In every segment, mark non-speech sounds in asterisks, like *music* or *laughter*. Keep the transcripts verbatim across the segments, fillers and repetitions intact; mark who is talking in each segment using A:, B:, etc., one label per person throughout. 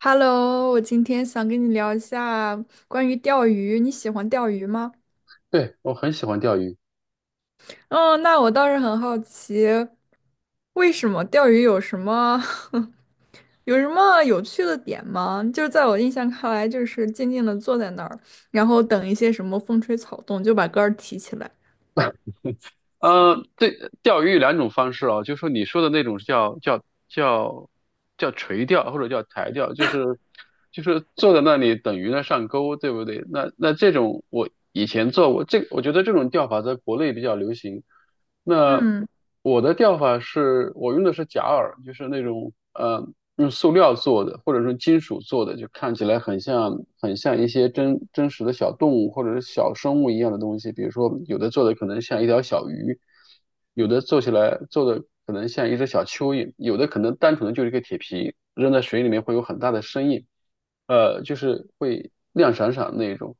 A: Hello，我今天想跟你聊一下关于钓鱼，你喜欢钓鱼吗？
B: 对，我很喜欢钓鱼。
A: 嗯，那我倒是很好奇，为什么钓鱼有什么 *laughs* 有什么有趣的点吗？就是在我印象看来，就是静静的坐在那儿，然后等一些什么风吹草动，就把竿儿提起来。
B: *laughs* 呃，对，钓鱼有两种方式啊，就是说你说的那种是叫叫叫叫垂钓或者叫台钓，就是就是坐在那里等鱼呢上钩，对不对？那那这种我以前做过，这我觉得这种钓法在国内比较流行。那
A: 嗯，
B: 我的钓法是我用的是假饵，就是那种嗯。呃用塑料做的，或者说金属做的，就看起来很像很像一些真真实的小动物或者是小生物一样的东西。比如说，有的做的可能像一条小鱼，有的做起来做的可能像一只小蚯蚓，有的可能单纯的就是一个铁皮，扔在水里面会有很大的声音，呃，就是会亮闪闪的那种。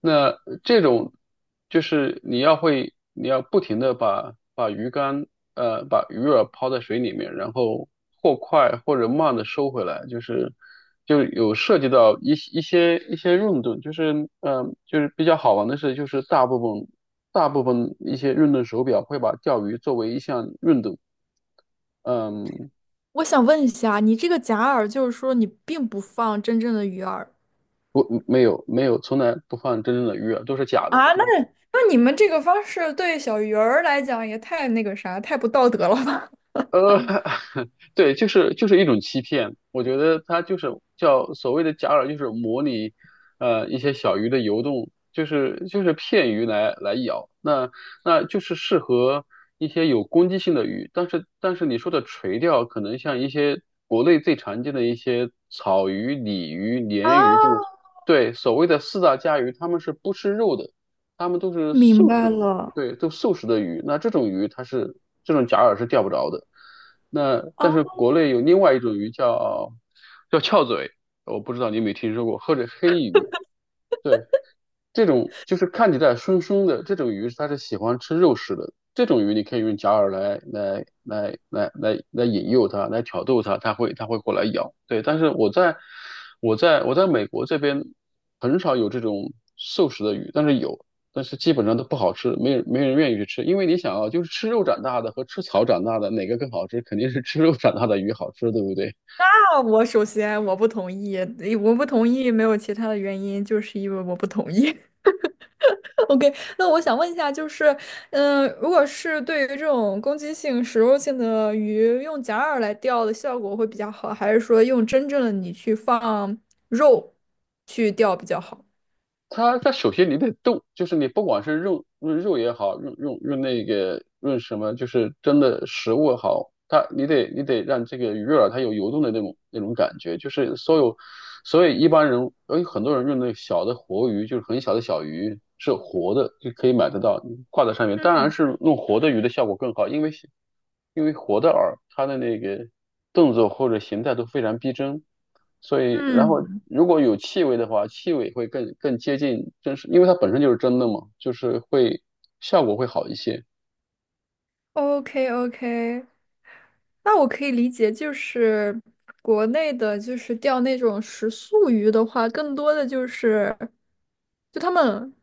B: 那这种就是你要会，你要不停的把把鱼竿，呃，把鱼饵抛在水里面，然后或快或者慢的收回来，就是就有涉及到一些一些一些运动，就是嗯就是比较好玩的是，就是大部分大部分一些运动手表会把钓鱼作为一项运动，嗯，
A: 我想问一下，你这个假饵就是说你并不放真正的鱼饵
B: 不，没有没有，从来不放真正的鱼饵，都是假的。
A: 啊？那那你们这个方式对小鱼儿来讲也太那个啥，太不道德了吧？
B: 呃，*laughs* 对，就是就是一种欺骗。我觉得它就是叫所谓的假饵，就是模拟呃一些小鱼的游动，就是就是骗鱼来来咬。那那就是适合一些有攻击性的鱼，但是但是你说的垂钓，可能像一些国内最常见的一些草鱼、鲤鱼、
A: 啊，
B: 鲢鱼，就是对所谓的四大家鱼，它们是不吃肉的，它们都是
A: 明
B: 素食
A: 白
B: 的。
A: 了。
B: 对，都素食的鱼，那这种鱼它是这种假饵是钓不着的。那
A: 啊，
B: 但是国内有另外一种鱼叫叫翘嘴，我不知道你有没有听说过，或者黑鱼。对。这种就是看起来凶凶的这种鱼，它是喜欢吃肉食的。这种鱼你可以用假饵来来来来来来引诱它，来挑逗它，它会它会过来咬。对，但是我在我在我在美国这边很少有这种素食的鱼，但是有，但是基本上都不好吃，没人没人愿意去吃。因为你想啊，就是吃肉长大的和吃草长大的，哪个更好吃？肯定是吃肉长大的鱼好吃，对不对？
A: 我首先我不同意，诶我不同意没有其他的原因，就是因为我不同意。*laughs* OK，那我想问一下，就是，嗯、如果是对于这种攻击性、食肉性的鱼，用假饵来钓的效果会比较好，还是说用真正的你去放肉去钓比较好？
B: 它它首先你得动，就是你不管是用用肉也好，用用用那个用什么，就是真的食物也好，它你得你得让这个鱼饵它有游动的那种那种感觉，就是所有所以一般人，哎，很多人用那个小的活鱼，就是很小的小鱼，是活的，就可以买得到，挂在上面。当然
A: 嗯
B: 是用活的鱼的效果更好，因为因为活的饵，它的那个动作或者形态都非常逼真，所以然后
A: 嗯
B: 如果有气味的话，气味会更更接近真实，因为它本身就是真的嘛，就是会效果会好一些。
A: o k o k 那我可以理解，就是国内的，就是钓那种食素鱼的话，更多的就是，就他们，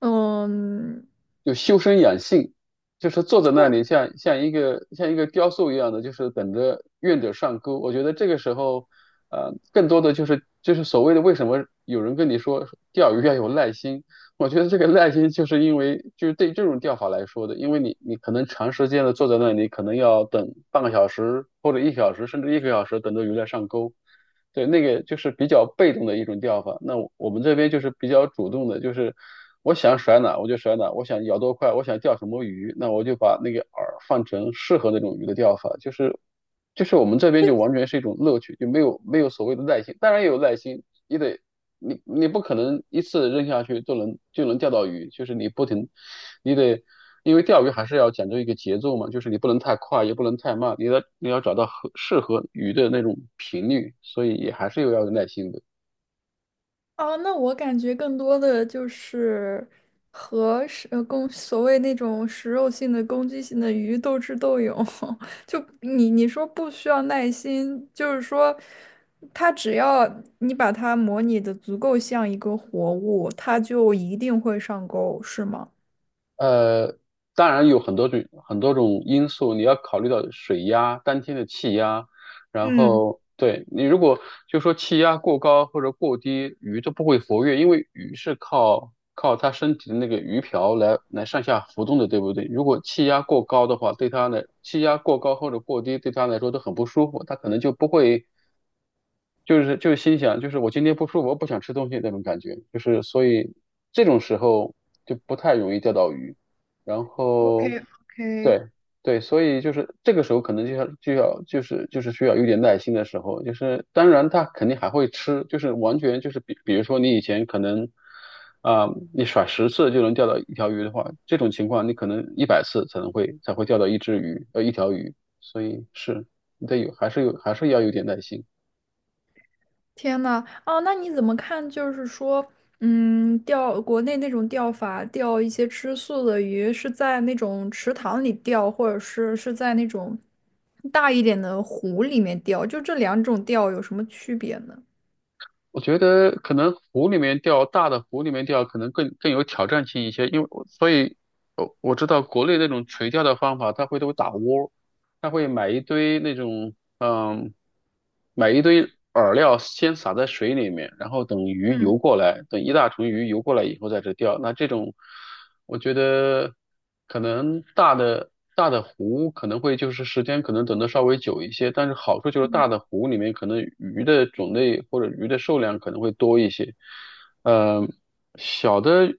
A: 嗯，
B: 就修身养性，就是坐在那里像像一个像一个雕塑一样的，就是等着愿者上钩。我觉得这个时候，呃，更多的就是就是所谓的为什么有人跟你说钓鱼要有耐心，我觉得这个耐心就是因为就是对这种钓法来说的，因为你你可能长时间的坐在那里，可能要等半个小时或者一小时，甚至一个小时等着鱼来上钩。对，那个就是比较被动的一种钓法。那我我们这边就是比较主动的，就是我想甩哪我就甩哪，我想咬多快，我想钓什么鱼，那我就把那个饵放成适合那种鱼的钓法。就是就是我们这边就完全是一种乐趣，就没有没有所谓的耐心，当然也有耐心，也得你你不可能一次扔下去就能就能钓到鱼，就是你不停，你得因为钓鱼还是要讲究一个节奏嘛，就是你不能太快，也不能太慢，你要你要找到合适合鱼的那种频率，所以也还是有要有耐心的。
A: 哦，那我感觉更多的就是和食呃攻所谓那种食肉性的攻击性的鱼斗智斗勇，*laughs* 就你你说不需要耐心，就是说，它只要你把它模拟的足够像一个活物，它就一定会上钩，是吗？
B: 呃，当然有很多种很多种因素，你要考虑到水压、当天的气压，然
A: 嗯。
B: 后对你如果就说气压过高或者过低，鱼都不会活跃，因为鱼是靠靠它身体的那个鱼鳔来来上下浮动的，对不对？如果气压过高的话，对它来气压过高或者过低，对它来说都很不舒服，它可能就不会。就是就是心想，就是我今天不舒服，我不想吃东西那种感觉，就是所以这种时候就不太容易钓到鱼。然
A: OK
B: 后
A: OK，
B: 对对，所以就是这个时候可能就要就要就是就是需要有点耐心的时候，就是当然他肯定还会吃，就是完全就是比比如说你以前可能啊、你甩十次就能钓到一条鱼的话，这种情况你可能一百次才能会才会钓到一只鱼呃一条鱼，所以是你得有还是有还是要有点耐心。
A: 天呐，哦，那你怎么看？就是说，嗯，钓国内那种钓法，钓一些吃素的鱼，是在那种池塘里钓，或者是是在那种大一点的湖里面钓，就这两种钓有什么区别呢？
B: 我觉得可能湖里面钓，大的湖里面钓可能更更有挑战性一些，因为我所以，我我知道国内那种垂钓的方法，它会都打窝，它会买一堆那种嗯，买一堆饵料，先撒在水里面，然后等鱼
A: 嗯。
B: 游过来，等一大群鱼游过来以后在这钓。那这种，我觉得可能大的大的湖可能会就是时间可能等的稍微久一些，但是好处就是大的湖里面可能鱼的种类或者鱼的数量可能会多一些。呃，小的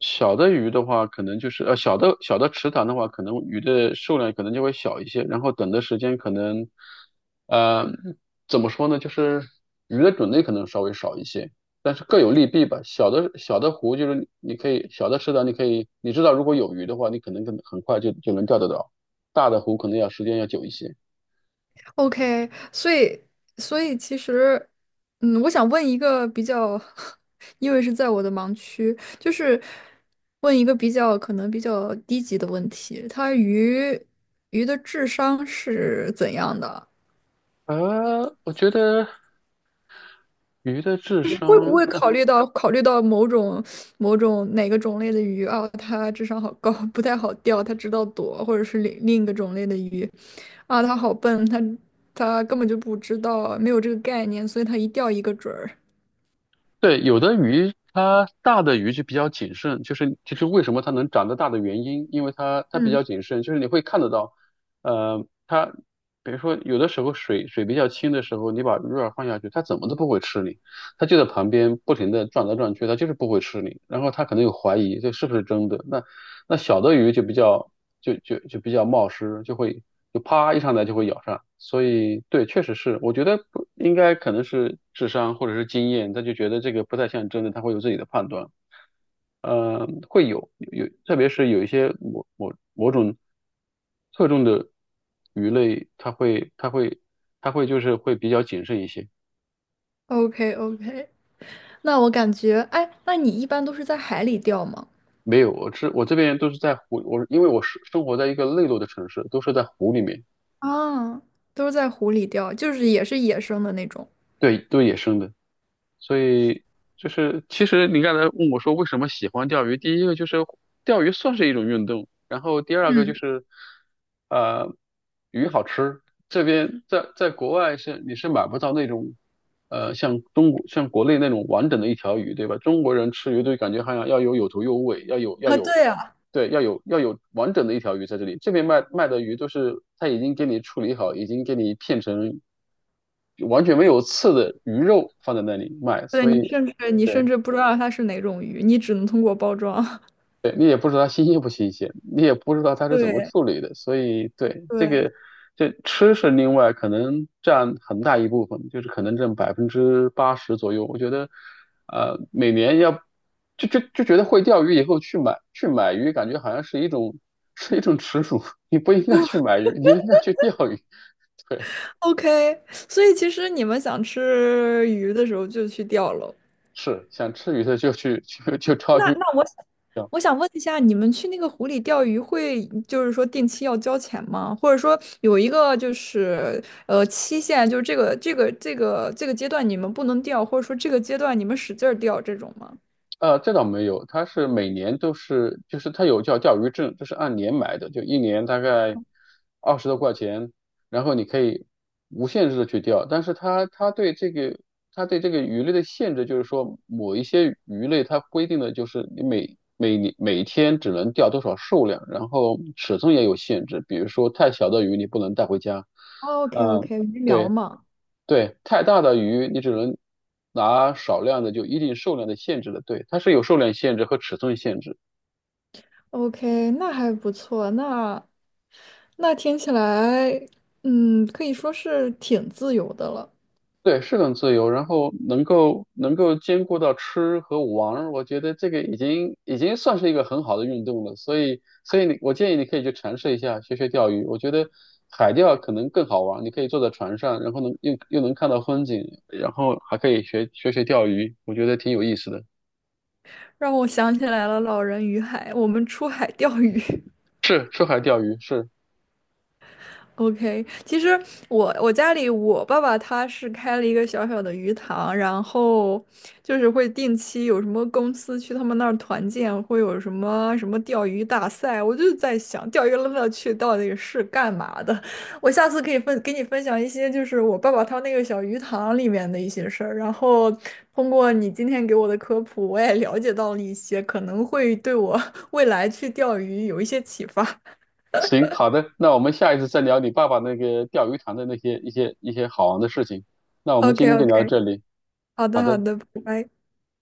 B: 小的鱼的话，可能就是呃小的小的池塘的话，可能鱼的数量可能就会小一些，然后等的时间可能，呃，怎么说呢，就是鱼的种类可能稍微少一些，但是各有利弊吧。小的小的湖就是你可以小的池塘，你可以你知道如果有鱼的话，你可能很很快就就能钓得到，大的湖可能要时间要久一些。
A: OK，所以所以其实，嗯，我想问一个比较，*laughs* 因为是在我的盲区，就是问一个比较可能比较低级的问题，它鱼鱼的智商是怎样的？
B: 呃，我觉得鱼的智
A: 就是会不
B: 商。
A: 会考虑到考虑到某种某种哪个种类的鱼啊，它智商好高，*laughs* 不太好钓，它知道躲，或者是另另一个种类的鱼，啊，它好笨，它它根本就不知道，没有这个概念，所以它一钓一个准儿。
B: 对，有的鱼它大的鱼就比较谨慎，就是就是为什么它能长得大的原因，因为它它比较
A: 嗯
B: 谨慎，就是你会看得到，呃，它比如说有的时候水水比较清的时候，你把鱼饵放下去，它怎么都不会吃你，它就在旁边不停的转来转去，它就是不会吃你，然后它可能有怀疑这是不是真的，那那小的鱼就比较就就就比较冒失，就会就啪一上来就会咬上。所以对，确实是，我觉得不应该可能是智商或者是经验，他就觉得这个不太像真的，他会有自己的判断。呃，会有有，特别是有一些某某某种特重的鱼类，它会它会它会就是会比较谨慎一些。
A: ，OK OK，那我感觉，哎，那你一般都是在海里钓吗？
B: 没有，我这我这边都是在湖，我因为我是生活在一个内陆的城市，都是在湖里面，
A: 啊，都是在湖里钓，就是也是野生的那种。
B: 对，都是野生的。所以就是其实你刚才问我说为什么喜欢钓鱼，第一个就是钓鱼算是一种运动，然后第二个就
A: 嗯，
B: 是呃鱼好吃，这边在在国外是你是买不到那种呃像中国像国内那种完整的一条鱼，对吧？中国人吃鱼都感觉好像要有有头有尾，要有要
A: 啊，
B: 有。
A: 对呀，
B: 对，要有要有完整的一条鱼在这里。这边卖卖的鱼都是他已经给你处理好，已经给你片成完全没有刺的鱼肉放在那里卖，
A: 对，
B: 所以。
A: 你甚至你甚
B: 对。
A: 至不知道它是哪种鱼，你只能通过包装。*laughs*
B: 对，你也不知道它新鲜不新鲜，你也不知道它是怎么
A: 对
B: 处理的，所以对这
A: 对。
B: 个，这吃是另外可能占很大一部分，就是可能占百分之八十左右。我觉得，呃，每年要就就就觉得会钓鱼以后去买去买鱼，感觉好像是一种是一种耻辱，*laughs* 你不应该去买鱼，你应该去钓鱼。*laughs* 对，
A: OK，所以其实你们想吃鱼的时候就去钓喽。
B: 是想吃鱼的就去去就钓
A: 那
B: 鱼。
A: 那我我想问一下，你们去那个湖里钓鱼会，就是说定期要交钱吗？或者说有一个就是呃期限，就是这个这个这个这个阶段你们不能钓，或者说这个阶段你们使劲儿钓这种吗
B: 呃，这倒没有，它是每年都是，就是它有叫钓鱼证，就是按年买的，就一年大概二十多块钱，然后你可以无限制的去钓，但是它它对这个它对这个鱼类的限制就是说，某一些鱼类它规定的就是你每每年每天只能钓多少数量，然后尺寸也有限制，比如说太小的鱼你不能带回家，
A: ？OK
B: 嗯、
A: OK，鱼苗嘛
B: 对，太大的鱼你只能拿少量的，就一定数量的限制的。对，它是有数量限制和尺寸限制。
A: ，OK，那还不错，那那听起来，嗯，可以说是挺自由的了。
B: 对，是很自由，然后能够能够兼顾到吃和玩我觉得这个已经已经算是一个很好的运动了。所以，所以你我建议你可以去尝试一下，学学钓鱼。我觉得海钓可能更好玩你可以坐在船上，然后能又又能看到风景，然后还可以学学学钓鱼，我觉得挺有意思的。
A: 让我想起来了老人与海，我们出海钓鱼。
B: 是，出海钓鱼是。
A: OK，其实我我家里我爸爸他是开了一个小小的鱼塘，然后就是会定期有什么公司去他们那儿团建，会有什么什么钓鱼大赛。我就在想，钓鱼的乐趣到底是干嘛的？我下次可以分给你分享一些，就是我爸爸他那个小鱼塘里面的一些事儿。然后通过你今天给我的科普，我也了解到了一些，可能会对我 *laughs* 未来去钓鱼有一些启发。
B: 行，好的，那我们下一次再聊你爸爸那个钓鱼塘的那些一些一些好玩的事情。那我们
A: OK
B: 今天就聊到
A: OK，
B: 这里，
A: 好
B: 好
A: 的好
B: 的。
A: 的，拜拜。